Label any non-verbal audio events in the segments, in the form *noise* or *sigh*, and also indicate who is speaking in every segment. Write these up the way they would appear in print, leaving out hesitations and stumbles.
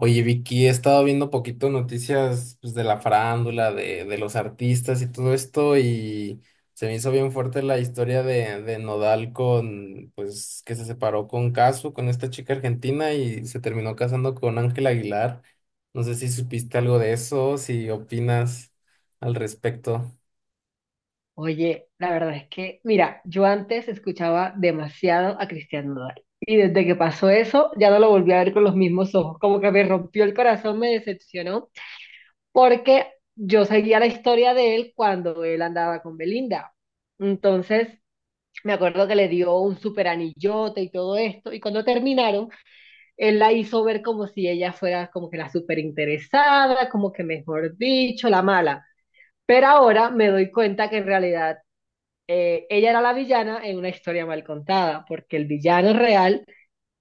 Speaker 1: Oye, Vicky, he estado viendo poquito noticias pues, de la farándula, de los artistas y todo esto, y se me hizo bien fuerte la historia de Nodal con, pues, que se separó con Casu, con esta chica argentina, y se terminó casando con Ángel Aguilar. No sé si supiste algo de eso, si opinas al respecto.
Speaker 2: Oye, la verdad es que, mira, yo antes escuchaba demasiado a Cristian Nodal. Y desde que pasó eso, ya no lo volví a ver con los mismos ojos. Como que me rompió el corazón, me decepcionó, porque yo seguía la historia de él cuando él andaba con Belinda. Entonces, me acuerdo que le dio un super anillote y todo esto. Y cuando terminaron, él la hizo ver como si ella fuera como que la super interesada, como que mejor dicho, la mala. Pero ahora me doy cuenta que en realidad ella era la villana en una historia mal contada, porque el villano real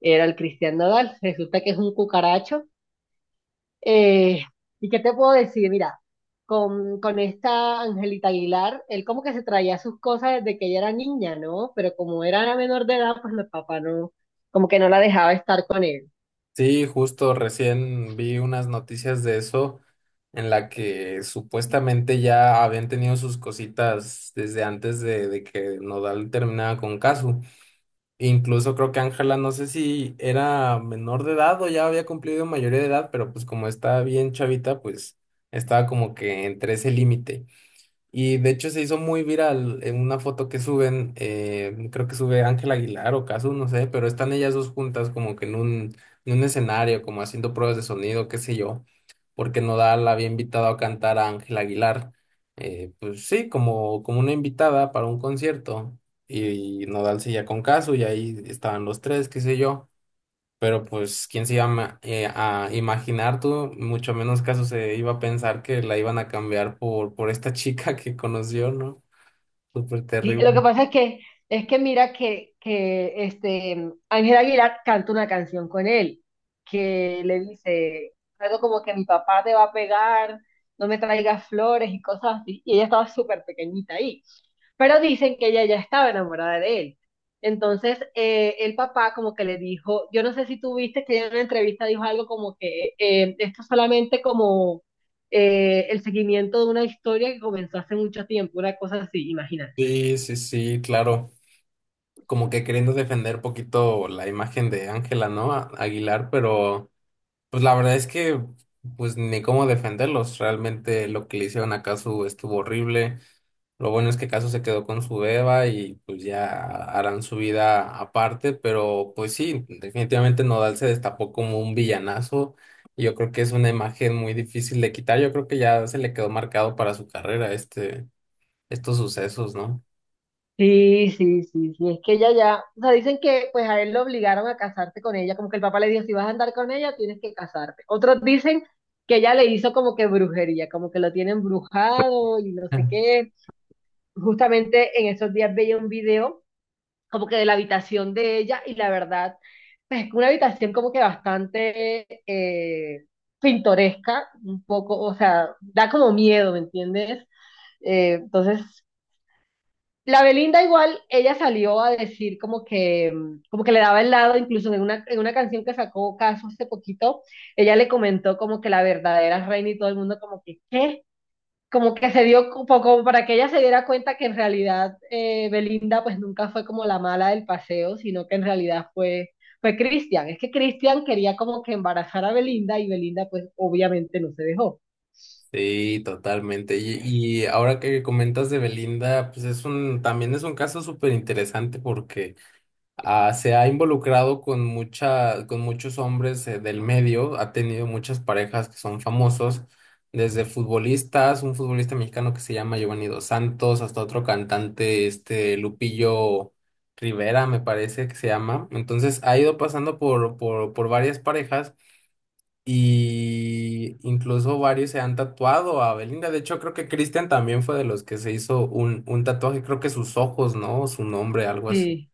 Speaker 2: era el Cristian Nodal. Resulta que es un cucaracho. Eh, ¿Y qué te puedo decir? Mira, con esta Angelita Aguilar, él como que se traía sus cosas desde que ella era niña, ¿no? Pero como era menor de edad, pues el papá no, como que no la dejaba estar con él.
Speaker 1: Sí, justo recién vi unas noticias de eso en la que supuestamente ya habían tenido sus cositas desde antes de que Nodal terminara con Casu. Incluso creo que Ángela, no sé si era menor de edad o ya había cumplido mayoría de edad, pero pues como estaba bien chavita, pues estaba como que entre ese límite. Y de hecho se hizo muy viral en una foto que suben, creo que sube Ángel Aguilar o Casu, no sé, pero están ellas dos juntas como que en un escenario, como haciendo pruebas de sonido, qué sé yo, porque Nodal había invitado a cantar a Ángel Aguilar, pues sí, como, como una invitada para un concierto, y Nodal seguía con Casu y ahí estaban los tres, qué sé yo. Pero pues, ¿quién se iba a, a imaginar tú? Mucho menos caso se iba a pensar que la iban a cambiar por esta chica que conoció, ¿no? Súper
Speaker 2: Sí, lo
Speaker 1: terrible.
Speaker 2: que pasa es que mira que este, Ángel Aguilar canta una canción con él, que le dice algo como que mi papá te va a pegar, no me traigas flores y cosas así, y ella estaba súper pequeñita ahí, pero dicen que ella ya estaba enamorada de él. Entonces, el papá como que le dijo, yo no sé si tú viste que ella en una entrevista dijo algo como que esto es solamente como el seguimiento de una historia que comenzó hace mucho tiempo, una cosa así, imagínate.
Speaker 1: Sí, sí, sí, claro. Como que queriendo defender poquito la imagen de Ángela, ¿no? Aguilar, pero pues la verdad es que pues ni cómo defenderlos. Realmente lo que le hicieron a Casu estuvo horrible. Lo bueno es que Caso se quedó con su Eva y pues ya harán su vida aparte, pero pues sí, definitivamente Nodal se destapó como un villanazo y yo creo que es una imagen muy difícil de quitar. Yo creo que ya se le quedó marcado para su carrera este, estos sucesos, ¿no?
Speaker 2: Sí, sí, sí, sí, es que ella ya, o sea, dicen que pues a él lo obligaron a casarse con ella, como que el papá le dijo, si vas a andar con ella, tienes que casarte. Otros dicen que ella le hizo como que brujería, como que lo tiene embrujado y no sé
Speaker 1: Mm.
Speaker 2: qué. Justamente en esos días veía un video como que de la habitación de ella y la verdad, pues es una habitación como que bastante pintoresca, un poco, o sea, da como miedo, ¿me entiendes? Eh, entonces... La Belinda igual, ella salió a decir como que le daba el lado, incluso en una canción que sacó Caso hace poquito, ella le comentó como que la verdadera reina y todo el mundo como que, ¿qué? Como que se dio, como, como para que ella se diera cuenta que en realidad Belinda pues nunca fue como la mala del paseo, sino que en realidad fue, fue Cristian. Es que Cristian quería como que embarazar a Belinda y Belinda pues obviamente no se dejó.
Speaker 1: Sí, totalmente. Y y ahora que comentas de Belinda, pues es un, también es un caso súper interesante porque se ha involucrado con mucha, con muchos hombres del medio, ha tenido muchas parejas que son famosos, desde futbolistas, un futbolista mexicano que se llama Giovanni Dos Santos, hasta otro cantante, este Lupillo Rivera, me parece que se llama. Entonces ha ido pasando por varias parejas y incluso varios se han tatuado a Belinda. De hecho, creo que Christian también fue de los que se hizo un tatuaje, creo que sus ojos, ¿no? Su nombre, algo así.
Speaker 2: Sí.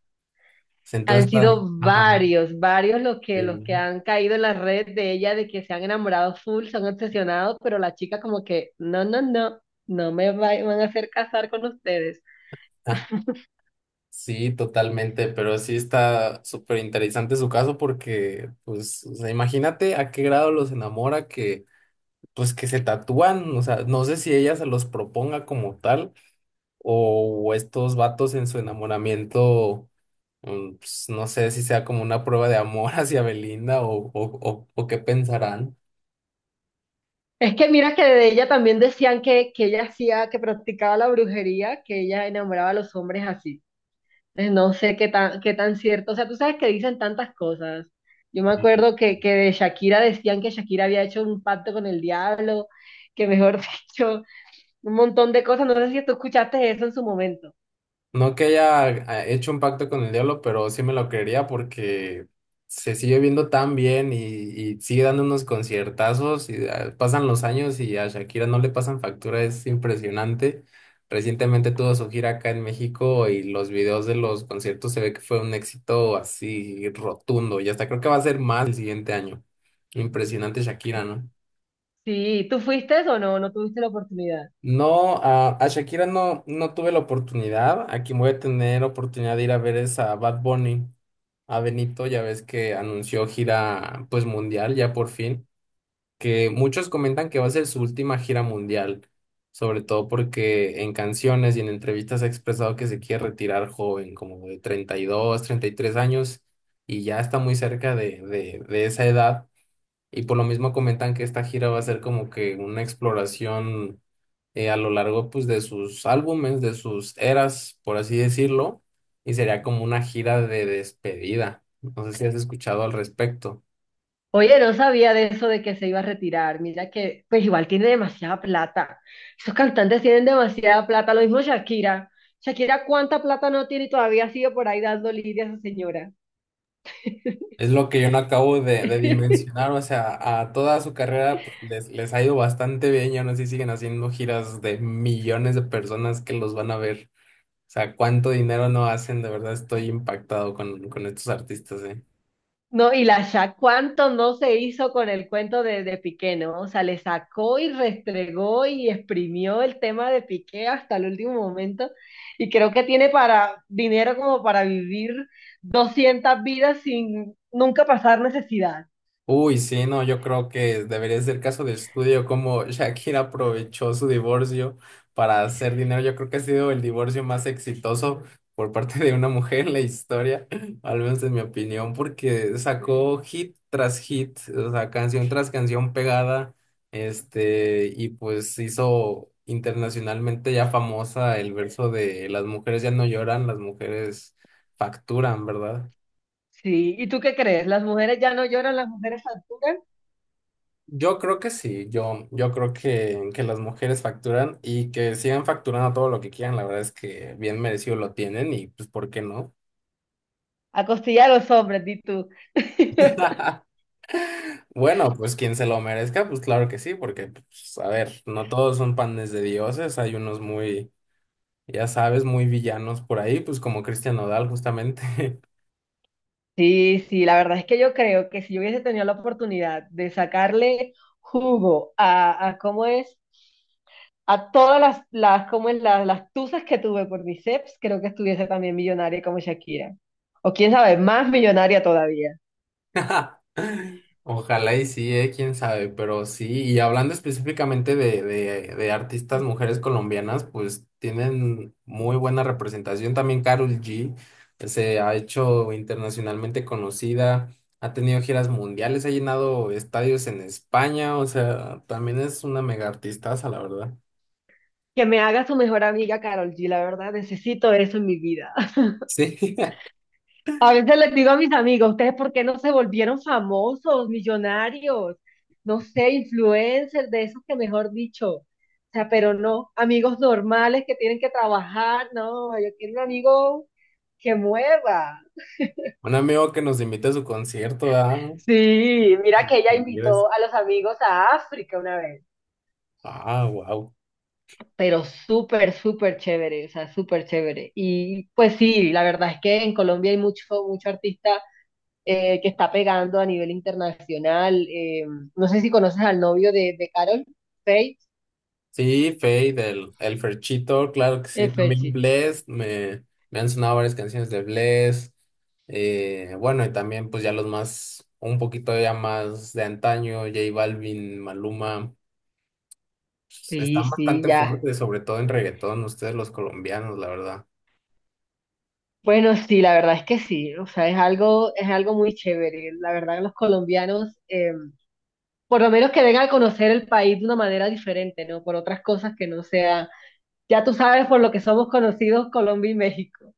Speaker 1: Entonces
Speaker 2: Han sido
Speaker 1: está, ajá.
Speaker 2: varios, varios los que
Speaker 1: Sí.
Speaker 2: han caído en la red de ella, de que se han enamorado full, se han obsesionado, pero la chica como que, no, no, no, no van a hacer casar con ustedes.
Speaker 1: Ah, sí, totalmente, pero sí está súper interesante su caso porque, pues, o sea, imagínate a qué grado los enamora que, pues, que se tatúan, o sea, no sé si ella se los proponga como tal o estos vatos en su enamoramiento, pues, no sé si sea como una prueba de amor *laughs* hacia Belinda o qué pensarán.
Speaker 2: Es que mira que de ella también decían que ella hacía, que practicaba la brujería, que ella enamoraba a los hombres así. No sé qué tan cierto, o sea, tú sabes que dicen tantas cosas. Yo me acuerdo que de Shakira decían que Shakira había hecho un pacto con el diablo, que mejor *laughs* dicho... un montón de cosas. No sé si tú escuchaste eso en su momento.
Speaker 1: No que haya hecho un pacto con el diablo, pero sí me lo creería porque se sigue viendo tan bien y sigue dando unos conciertazos y pasan los años y a Shakira no le pasan factura, es impresionante. Recientemente tuvo su gira acá en México y los videos de los conciertos se ve que fue un éxito así rotundo y hasta creo que va a ser más el siguiente año. Impresionante Shakira, ¿no?
Speaker 2: Sí, ¿tú fuiste o no? No tuviste la oportunidad.
Speaker 1: No, a Shakira no, no tuve la oportunidad. Aquí voy a tener oportunidad de ir a ver es a Bad Bunny, a Benito, ya ves que anunció gira pues mundial ya por fin, que muchos comentan que va a ser su última gira mundial, sobre todo porque en canciones y en entrevistas ha expresado que se quiere retirar joven, como de treinta, treinta y dos, treinta y tres años, y ya está muy cerca de esa edad. Y por lo mismo comentan que esta gira va a ser como que una exploración a lo largo pues de sus álbumes, de sus eras, por así decirlo, y sería como una gira de despedida. No sé si has escuchado al respecto.
Speaker 2: Oye, no sabía de eso de que se iba a retirar. Mira que, pues igual tiene demasiada plata. Esos cantantes tienen demasiada plata. Lo mismo Shakira. Shakira, ¿cuánta plata no tiene y todavía sigue por ahí dando lidia a esa señora?
Speaker 1: Es lo que yo no acabo de
Speaker 2: *laughs*
Speaker 1: dimensionar, o sea, a toda su carrera pues, les ha ido bastante bien y aún así siguen haciendo giras de millones de personas que los van a ver. O sea, cuánto dinero no hacen, de verdad estoy impactado con estos artistas, ¿eh?
Speaker 2: No, y la Shaq, ¿cuánto no se hizo con el cuento de Piqué, ¿no? O sea, le sacó y restregó y exprimió el tema de Piqué hasta el último momento. Y creo que tiene para dinero como para vivir 200 vidas sin nunca pasar necesidad.
Speaker 1: Uy, sí, no, yo creo que debería ser caso de estudio como *laughs* Shakira aprovechó su divorcio para hacer dinero. Yo creo que ha sido el divorcio más exitoso por parte de una mujer en la historia, *laughs* al menos en mi opinión, porque sacó hit tras hit, o sea, canción tras canción pegada, este, y pues hizo internacionalmente ya famosa el verso de las mujeres ya no lloran, las mujeres facturan, ¿verdad?
Speaker 2: Sí, ¿y tú qué crees? ¿Las mujeres ya no lloran, las mujeres facturan?
Speaker 1: Yo creo que sí, yo creo que las mujeres facturan y que sigan facturando todo lo que quieran, la verdad es que bien merecido lo tienen y pues ¿por qué no?
Speaker 2: A costilla de los hombres, di tú. *laughs*
Speaker 1: *laughs* Bueno, pues quien se lo merezca, pues claro que sí, porque pues, a ver, no todos son panes de dioses, hay unos muy, ya sabes, muy villanos por ahí, pues como Cristian Nodal justamente. *laughs*
Speaker 2: Sí, sí, la verdad es que yo creo que si yo hubiese tenido la oportunidad de sacarle jugo a cómo es. A todas las, como es, las tusas que tuve por bíceps, creo que estuviese también millonaria como Shakira. O quién sabe, más millonaria todavía.
Speaker 1: *laughs* Ojalá y sí, quién sabe, pero sí, y hablando específicamente de artistas mujeres colombianas, pues tienen muy buena representación. También Karol G se ha hecho internacionalmente conocida, ha tenido giras mundiales, ha llenado estadios en España, o sea, también es una mega artistaza, la verdad.
Speaker 2: Que me haga su mejor amiga Carol G, la verdad, necesito eso en mi vida. *laughs*
Speaker 1: Sí,
Speaker 2: A veces les digo a mis amigos, ¿ustedes por qué no se volvieron famosos, millonarios? No sé, influencers, de esos que mejor dicho. O sea, pero no, amigos normales que tienen que trabajar, no, yo quiero un amigo que mueva.
Speaker 1: *laughs* un amigo que nos invite a su concierto, ah.
Speaker 2: Sí, mira que ella
Speaker 1: Mira,
Speaker 2: invitó a los amigos a África una vez.
Speaker 1: ah, wow.
Speaker 2: Pero súper, súper chévere, o sea, súper chévere. Y pues sí, la verdad es que en Colombia hay mucho, mucho artista que está pegando a nivel internacional. No sé si conoces al novio de Carol, Faith,
Speaker 1: Sí, Fade, el Ferchito, claro que sí, también
Speaker 2: Ferchit.
Speaker 1: Bless, me han sonado varias canciones de Bless, bueno, y también pues ya los más, un poquito ya más de antaño, J Balvin, Maluma, pues,
Speaker 2: Sí,
Speaker 1: están
Speaker 2: sí,
Speaker 1: bastante
Speaker 2: ya.
Speaker 1: fuertes, sobre todo en reggaetón, ustedes los colombianos, la verdad.
Speaker 2: Bueno, sí, la verdad es que sí, o sea, es algo muy chévere. La verdad, los colombianos, por lo menos que vengan a conocer el país de una manera diferente, ¿no? Por otras cosas que no sea ya tú sabes por lo que somos conocidos Colombia y México.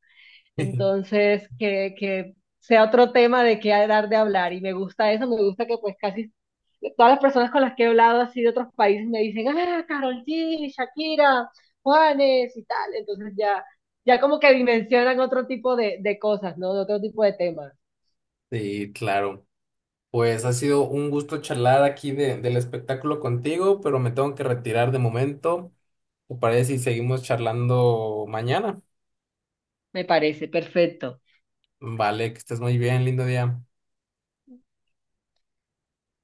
Speaker 1: *laughs*
Speaker 2: Entonces, que sea otro tema de qué dar de hablar. Y me gusta eso, me gusta que pues casi todas las personas con las que he hablado así de otros países me dicen, ah, Karol G, Shakira, Juanes y tal. Entonces ya, ya como que dimensionan otro tipo de cosas, ¿no? De otro tipo de temas.
Speaker 1: Sí, claro. Pues ha sido un gusto charlar aquí de, del espectáculo contigo, pero me tengo que retirar de momento. ¿Te parece si seguimos charlando mañana?
Speaker 2: Me parece, perfecto.
Speaker 1: Vale, que estés muy bien, lindo día.